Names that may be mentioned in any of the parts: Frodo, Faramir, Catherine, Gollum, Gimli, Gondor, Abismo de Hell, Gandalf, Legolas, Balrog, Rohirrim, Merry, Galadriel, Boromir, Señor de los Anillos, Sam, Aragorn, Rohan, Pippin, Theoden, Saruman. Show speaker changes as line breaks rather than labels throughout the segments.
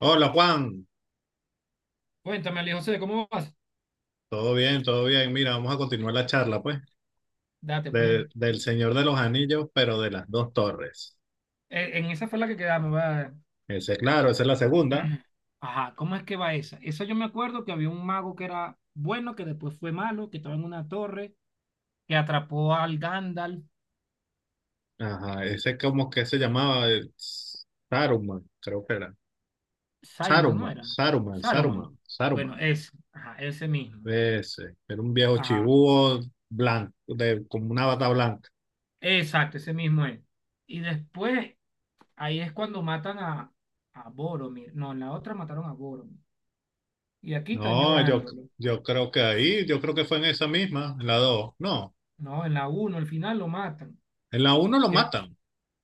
Hola Juan,
Cuéntame, Ali José, ¿cómo vas?
todo bien, todo bien. Mira, vamos a continuar la charla, pues,
Date, pues.
del
Que-
Señor de los Anillos, pero de las dos torres.
En esa fue la que quedamos, va.
Ese, claro, esa es la segunda.
Ajá, ¿cómo es que va esa? Esa yo me acuerdo que había un mago que era bueno, que después fue malo, que estaba en una torre, que atrapó al Gandalf.
Ajá, ese como que se llamaba Saruman, creo que era.
Saiman, ¿no
Saruman,
era?
Saruman,
Saruman.
Saruman,
Bueno,
Saruman.
ese, ajá, ese mismo.
Ese, era un viejo
Ajá,
chibúo blanco, de, como una bata blanca.
exacto, ese mismo es. Y después, ahí es cuando matan a Boromir. No, en la otra mataron a Boromir. Y aquí
No,
están
yo,
llorándolo.
yo creo que ahí, yo creo que fue en esa misma, en la dos. No,
No, en la uno, al final lo matan.
en la uno lo
¿Qué,
matan.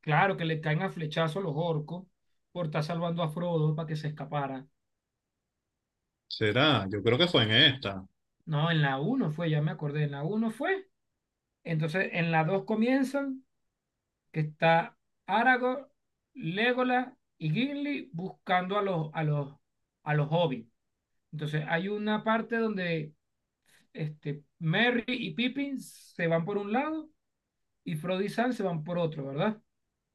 Claro que le caen a flechazo los orcos por estar salvando a Frodo para que se escapara.
Será, yo creo que fue en esta.
No, en la uno fue, ya me acordé, en la uno fue. Entonces, en la 2 comienzan que está Aragorn, Legolas y Gimli buscando a los hobbits. Entonces, hay una parte donde Merry y Pippin se van por un lado y Frodo y Sam se van por otro, ¿verdad?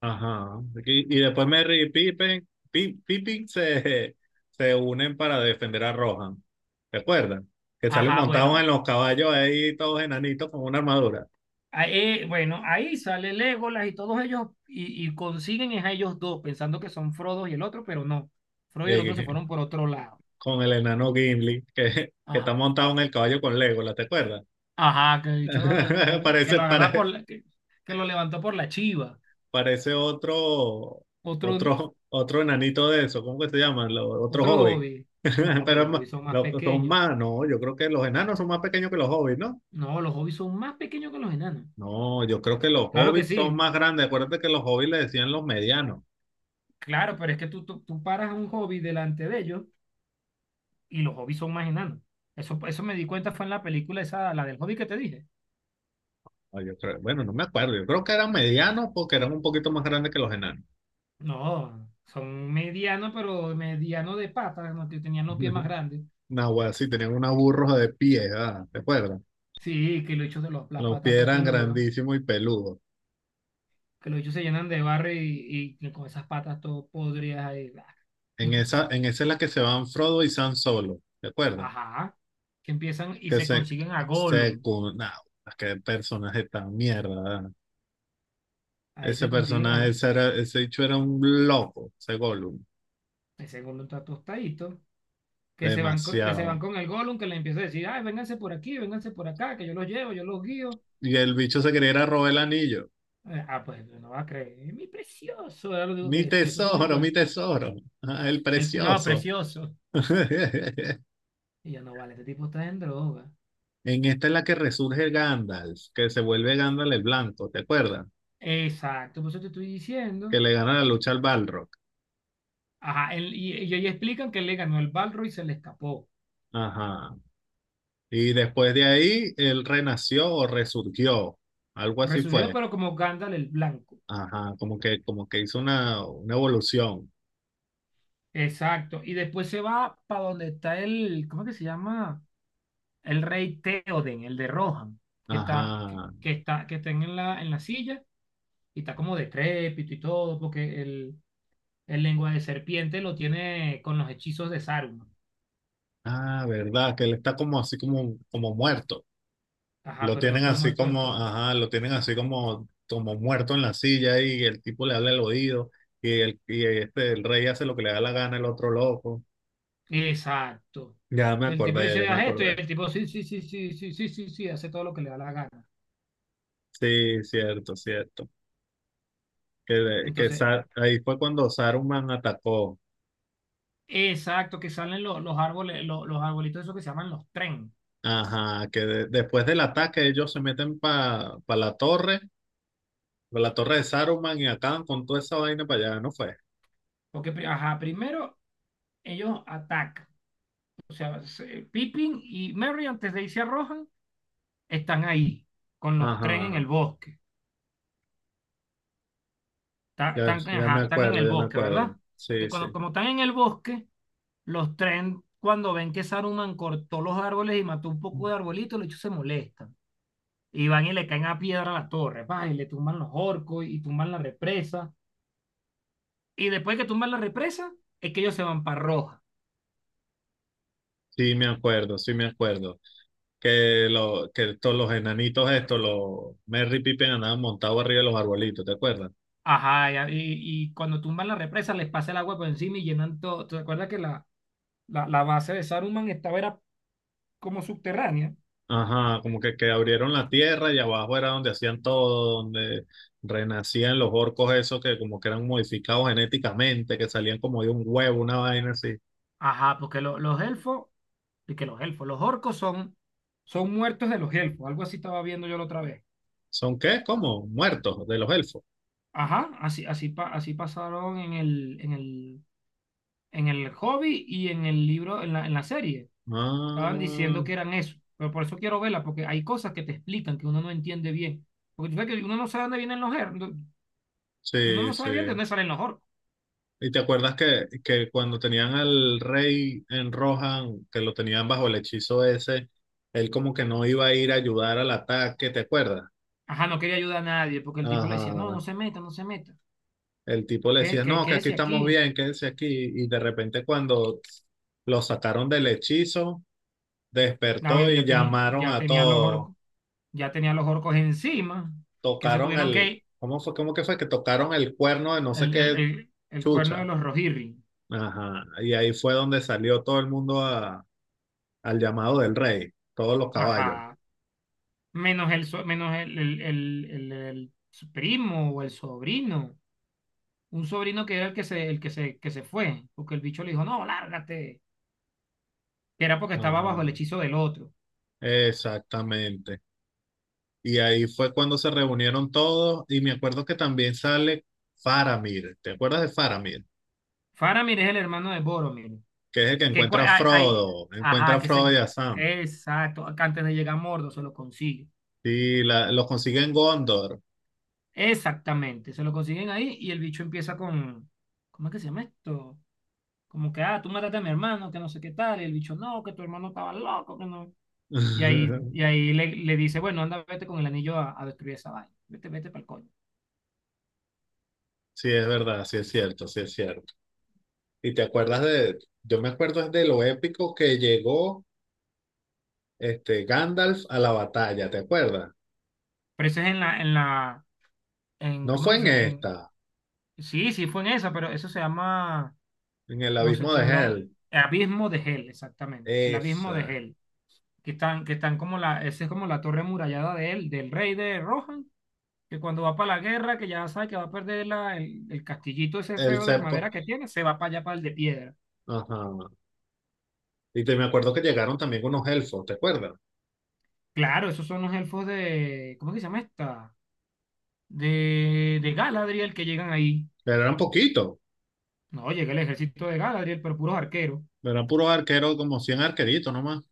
Ajá. Y después Merry y Pippin, Pippin se, se unen para defender a Rohan. ¿Recuerdan? Que salen
Ajá,
montados en
bueno,
los caballos ahí, todos enanitos con una armadura.
ahí, bueno, ahí sale Legolas y todos ellos y consiguen es a ellos dos, pensando que son Frodo y el otro, pero no. Frodo y el otro se
Eh,
fueron por otro lado.
con el enano Gimli, que está
Ajá,
montado en el caballo con Legolas, ¿te acuerdas?
ajá, que el bicho, que
Parece,
lo agarra por
pare-
la, que, que lo levantó por la chiva.
parece otro,
Otro,
otro, otro enanito de eso. ¿Cómo que se llaman? Los, otro
otro
hobbit.
hobbit. No, pero
Pero
los hobbits son más
son
pequeños.
más, ¿no? Yo creo que los enanos son más pequeños que los hobbits, ¿no?
No, los hobbits son más pequeños que los enanos.
No, yo creo que los
Claro que
hobbits son
sí,
más grandes. Acuérdate que los hobbits le decían los medianos.
claro, pero es que tú paras a un hobbit delante de ellos y los hobbits son más enanos. Eso me di cuenta fue en la película esa, la del hobbit que te dije.
Bueno, no me acuerdo. Yo creo que eran medianos porque eran un poquito más grandes que los enanos.
No, son medianos, pero mediano de patas, ¿no? Que tenían los pies más grandes.
Una wea así, tenían una burros de pies, ah, ¿te acuerdas?
Sí, que los hechos las
Los
patas
pies
todo
eran
pelúas,
grandísimos y peludos.
que los hechos se llenan de barro y con esas patas todo podridas ahí. Bla.
En esa es la que se van Frodo y Sam solo. ¿Te acuerdas?
Ajá, que empiezan y
Que
se
se,
consiguen a
se,
Gollum.
cu- nah, qué personaje tan mierda. Ah.
Ahí
Ese
se consiguen
personaje,
al.
ese, era, ese bicho era un loco, ese Gollum.
Ese Gollum está tostadito. Que se van
Demasiado.
con el Gollum, que le empieza a decir, ay, vénganse por aquí, vénganse por acá, que yo los llevo, yo los guío.
Y el bicho se quería ir a robar el anillo.
Ah, pues no va a creer, mi precioso, era lo digo que decía, eso sí me acuerdo.
Mi tesoro, ah, el
El, no,
precioso.
precioso. Y yo, no, vale, este tipo está en droga.
En esta es la que resurge Gandalf, que se vuelve Gandalf el blanco, ¿te acuerdas?
Exacto, por eso te estoy diciendo.
Que le gana la lucha al Balrog.
Ajá, y ahí explican que él le ganó el Balrog y se le escapó.
Ajá. Y después de ahí, él renació o resurgió, algo así
Resurgió,
fue.
pero como Gandalf el Blanco.
Ajá, como que hizo una evolución.
Exacto, y después se va para donde está el, ¿cómo que se llama? El rey Theoden, el de Rohan,
Ajá.
que está en la silla y está como decrépito y todo, porque el lengua de serpiente lo tiene con los hechizos de Saruman.
Ah, verdad, que él está como así como, como muerto.
Ajá,
Lo
pero no
tienen
está
así
muerto del
como,
todo.
ajá, lo tienen así como, como muerto en la silla y el tipo le habla al oído y el rey hace lo que le da la gana el otro loco.
Exacto.
Ya me
Que el tipo le
acordé, ya
dice,
me
haz esto, y
acordé.
el tipo, sí, sí, sí, sí, sí, sí, sí, sí, hace todo lo que le da la gana.
Sí, cierto, cierto. Que, de- que
Entonces,
Sa- ahí fue cuando Saruman atacó.
exacto, que salen los árboles, los arbolitos esos que se llaman los tren.
Ajá, después del ataque ellos se meten para la torre, pa la torre de Saruman y acaban con toda esa vaina para allá, ¿no fue?
Porque, ajá, primero ellos atacan. O sea, Pippin y Merry, antes de irse a Rohan, están ahí, con los tren en el
Ajá,
bosque.
ya,
Están,
ya me
ajá, están en
acuerdo,
el
ya me
bosque,
acuerdo.
¿verdad?
Sí,
Entonces,
sí.
cuando, como están en el bosque, los tren, cuando ven que Saruman cortó los árboles y mató un poco de arbolitos, los hechos se molestan. Y van y le caen a piedra a la torre, van y le tumban los orcos y tumban la represa. Y después que tumban la represa, es que ellos se van para Roja.
Sí, me acuerdo, sí me acuerdo. Que, lo, que todos los enanitos estos, los Merry Pippin andaban montados arriba de los arbolitos, ¿te acuerdas?
Ajá, y cuando tumban la represa les pasa el agua por encima y llenan todo. ¿Te acuerdas que la base de Saruman estaba era como subterránea?
Ajá, como que abrieron la tierra y abajo era donde hacían todo, donde renacían los orcos esos que como que eran modificados genéticamente, que salían como de un huevo, una vaina así.
Ajá, porque los elfos, y que los elfos, los orcos son muertos de los elfos, algo así estaba viendo yo la otra vez.
¿Son qué? ¿Cómo? Muertos de los elfos.
Ajá, así, así, así pasaron en el Hobbit y en el libro, en la serie. Estaban
Ah,
diciendo que eran eso, pero por eso quiero verla, porque hay cosas que te explican que uno no entiende bien. Porque tú sabes que uno no sabe dónde vienen los orcos. Uno
sí,
no
sí.
sabe bien de dónde salen los orcos.
¿Y te acuerdas que cuando tenían al rey en Rohan, que lo tenían bajo el hechizo ese, él como que no iba a ir a ayudar al ataque, te acuerdas?
Ajá, no quería ayudar a nadie, porque el tipo le decía, no,
Ajá.
no se meta, no se meta.
El tipo le
¿Qué,
decía,
qué,
no, que
qué
aquí
es
estamos
aquí?
bien, quédese aquí. Y de repente cuando lo sacaron del hechizo,
No,
despertó y
ya, tenía,
llamaron a todos.
ya tenía los orcos encima, que se
Tocaron
tuvieron que
el,
ir.
¿cómo fue? ¿Cómo que fue? Que tocaron el cuerno de no sé qué
El cuerno de
chucha.
los Rohirrim.
Ajá. Y ahí fue donde salió todo el mundo al llamado del rey, todos los caballos.
Ajá. Menos el el primo o el sobrino. Un sobrino que era que se fue, porque el bicho le dijo, no, lárgate, que era porque estaba bajo el
Ajá,
hechizo del otro.
exactamente. Y ahí fue cuando se reunieron todos y me acuerdo que también sale Faramir. ¿Te acuerdas de Faramir?
Faramir es el hermano de Boromir,
Que es el que
que cua- hay-
Encuentra
ajá,
a Frodo y a Sam.
exacto, que antes de llegar a Mordo se lo consigue.
Y la, los consigue en Gondor.
Exactamente, se lo consiguen ahí y el bicho empieza con, ¿cómo es que se llama esto? Como que, ah, tú mataste a mi hermano, que no sé qué tal, y el bicho, no, que tu hermano estaba loco, que no. Y ahí, y ahí le dice, bueno, anda, vete con el anillo a destruir esa vaina, vete, vete para el coño.
Sí, es verdad, sí es cierto, sí es cierto. Y te acuerdas de, yo me acuerdo es de lo épico que llegó este Gandalf a la batalla, ¿te acuerdas?
Pero eso es en,
No
¿cómo
fue
que
en
se llama?
esta,
Sí, sí fue en esa, pero eso se llama,
en el
no sé
abismo
qué
de
broma,
Hell.
Abismo de Hell, exactamente, el Abismo de
Esa,
Hell, que están como la, esa es como la torre murallada de él, del rey de Rohan, que cuando va para la guerra, que ya sabe que va a perder el castillito ese
el
feo de
cepo.
madera que tiene, se va para allá, para el de piedra.
Ajá. Me acuerdo que llegaron también con unos elfos, ¿te acuerdas?
Claro, esos son los elfos de, ¿cómo que se llama esta? De Galadriel que llegan ahí.
Pero eran poquitos,
No, llega el ejército de Galadriel, pero puros arqueros.
eran puros arqueros, como 100 arqueritos nomás.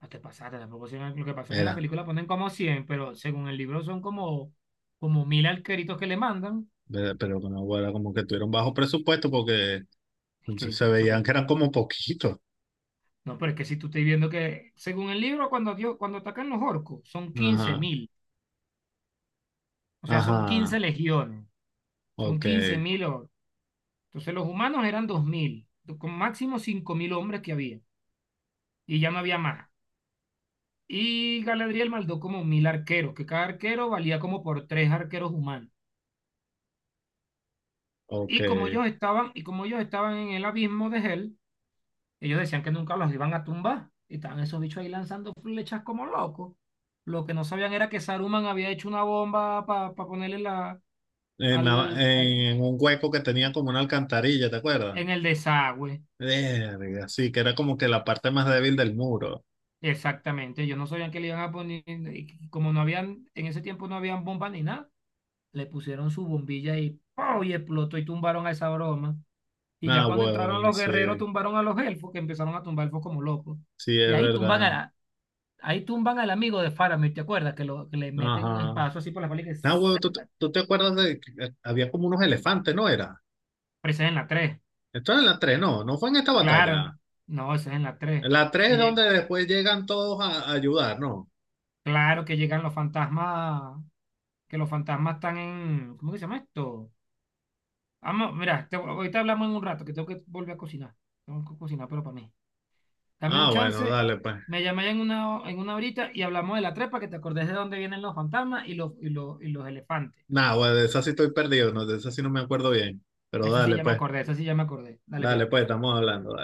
No te pasaste, tampoco son- lo que pasa es que en la
Era,
película ponen como 100, pero según el libro son como 1000 alqueritos que le mandan.
pero no, era como que tuvieron bajo presupuesto porque
Es que
se
por eso,
veían
pues,
que eran como poquitos.
no, pero es que si tú estás viendo que, según el libro, cuando, Dios, cuando atacan los orcos, son quince
Ajá,
mil, o sea, son
ajá,
15 legiones, son
ok,
15.000 orcos. Entonces los humanos eran 2000, con máximo 5000 hombres que había, y ya no había más. Y Galadriel mandó como 1000 arqueros, que cada arquero valía como por tres arqueros humanos.
ok.
Y como ellos estaban en el abismo de Hel. Ellos decían que nunca los iban a tumbar y estaban esos bichos ahí lanzando flechas como locos. Lo que no sabían era que Saruman había hecho una bomba para ponerle la,
En,
al, al-
en un hueco que tenía como una alcantarilla, ¿te acuerdas?
en el desagüe.
Verga, sí, que era como que la parte más débil del muro.
Exactamente, ellos no sabían que le iban a poner, y como no habían, en ese tiempo no habían bombas ni nada, le pusieron su bombilla y ¡pau! Y explotó y tumbaron a esa broma. Y ya
Ah,
cuando entraron
huevón,
los guerreros,
sí,
tumbaron a los elfos, que empezaron a tumbar elfos como locos.
sí,
Y
es
ahí tumban
verdad.
a, Ahí tumban al amigo de Faramir, ¿te acuerdas? Que le meten un
Ajá.
espacio así por la espalda y que...
Ah, huevón,
¡zas!
¿tú te acuerdas de que había como unos elefantes, ¿no era?
Pero ese es en la 3.
Esto es en la 3 no, no fue en esta
Claro.
batalla.
No, ese es en la 3.
En la 3
Que
es donde
llega,
después llegan todos a ayudar, ¿no?
claro que llegan los fantasmas... Que los fantasmas están en... ¿Cómo que se llama esto? Vamos, mira, ahorita hablamos en un rato, que tengo que volver a cocinar. Tengo que cocinar, pero para mí. Dame un
Ah, bueno,
chance,
dale pues.
me llamé en una horita y hablamos de la trepa, que te acordés de dónde vienen los fantasmas y los elefantes.
Nada, pues de esa sí estoy perdido, no, de esa sí no me acuerdo bien. Pero
Esa sí ya me acordé, esa sí ya me acordé. Dale,
dale pues,
pues.
estamos hablando.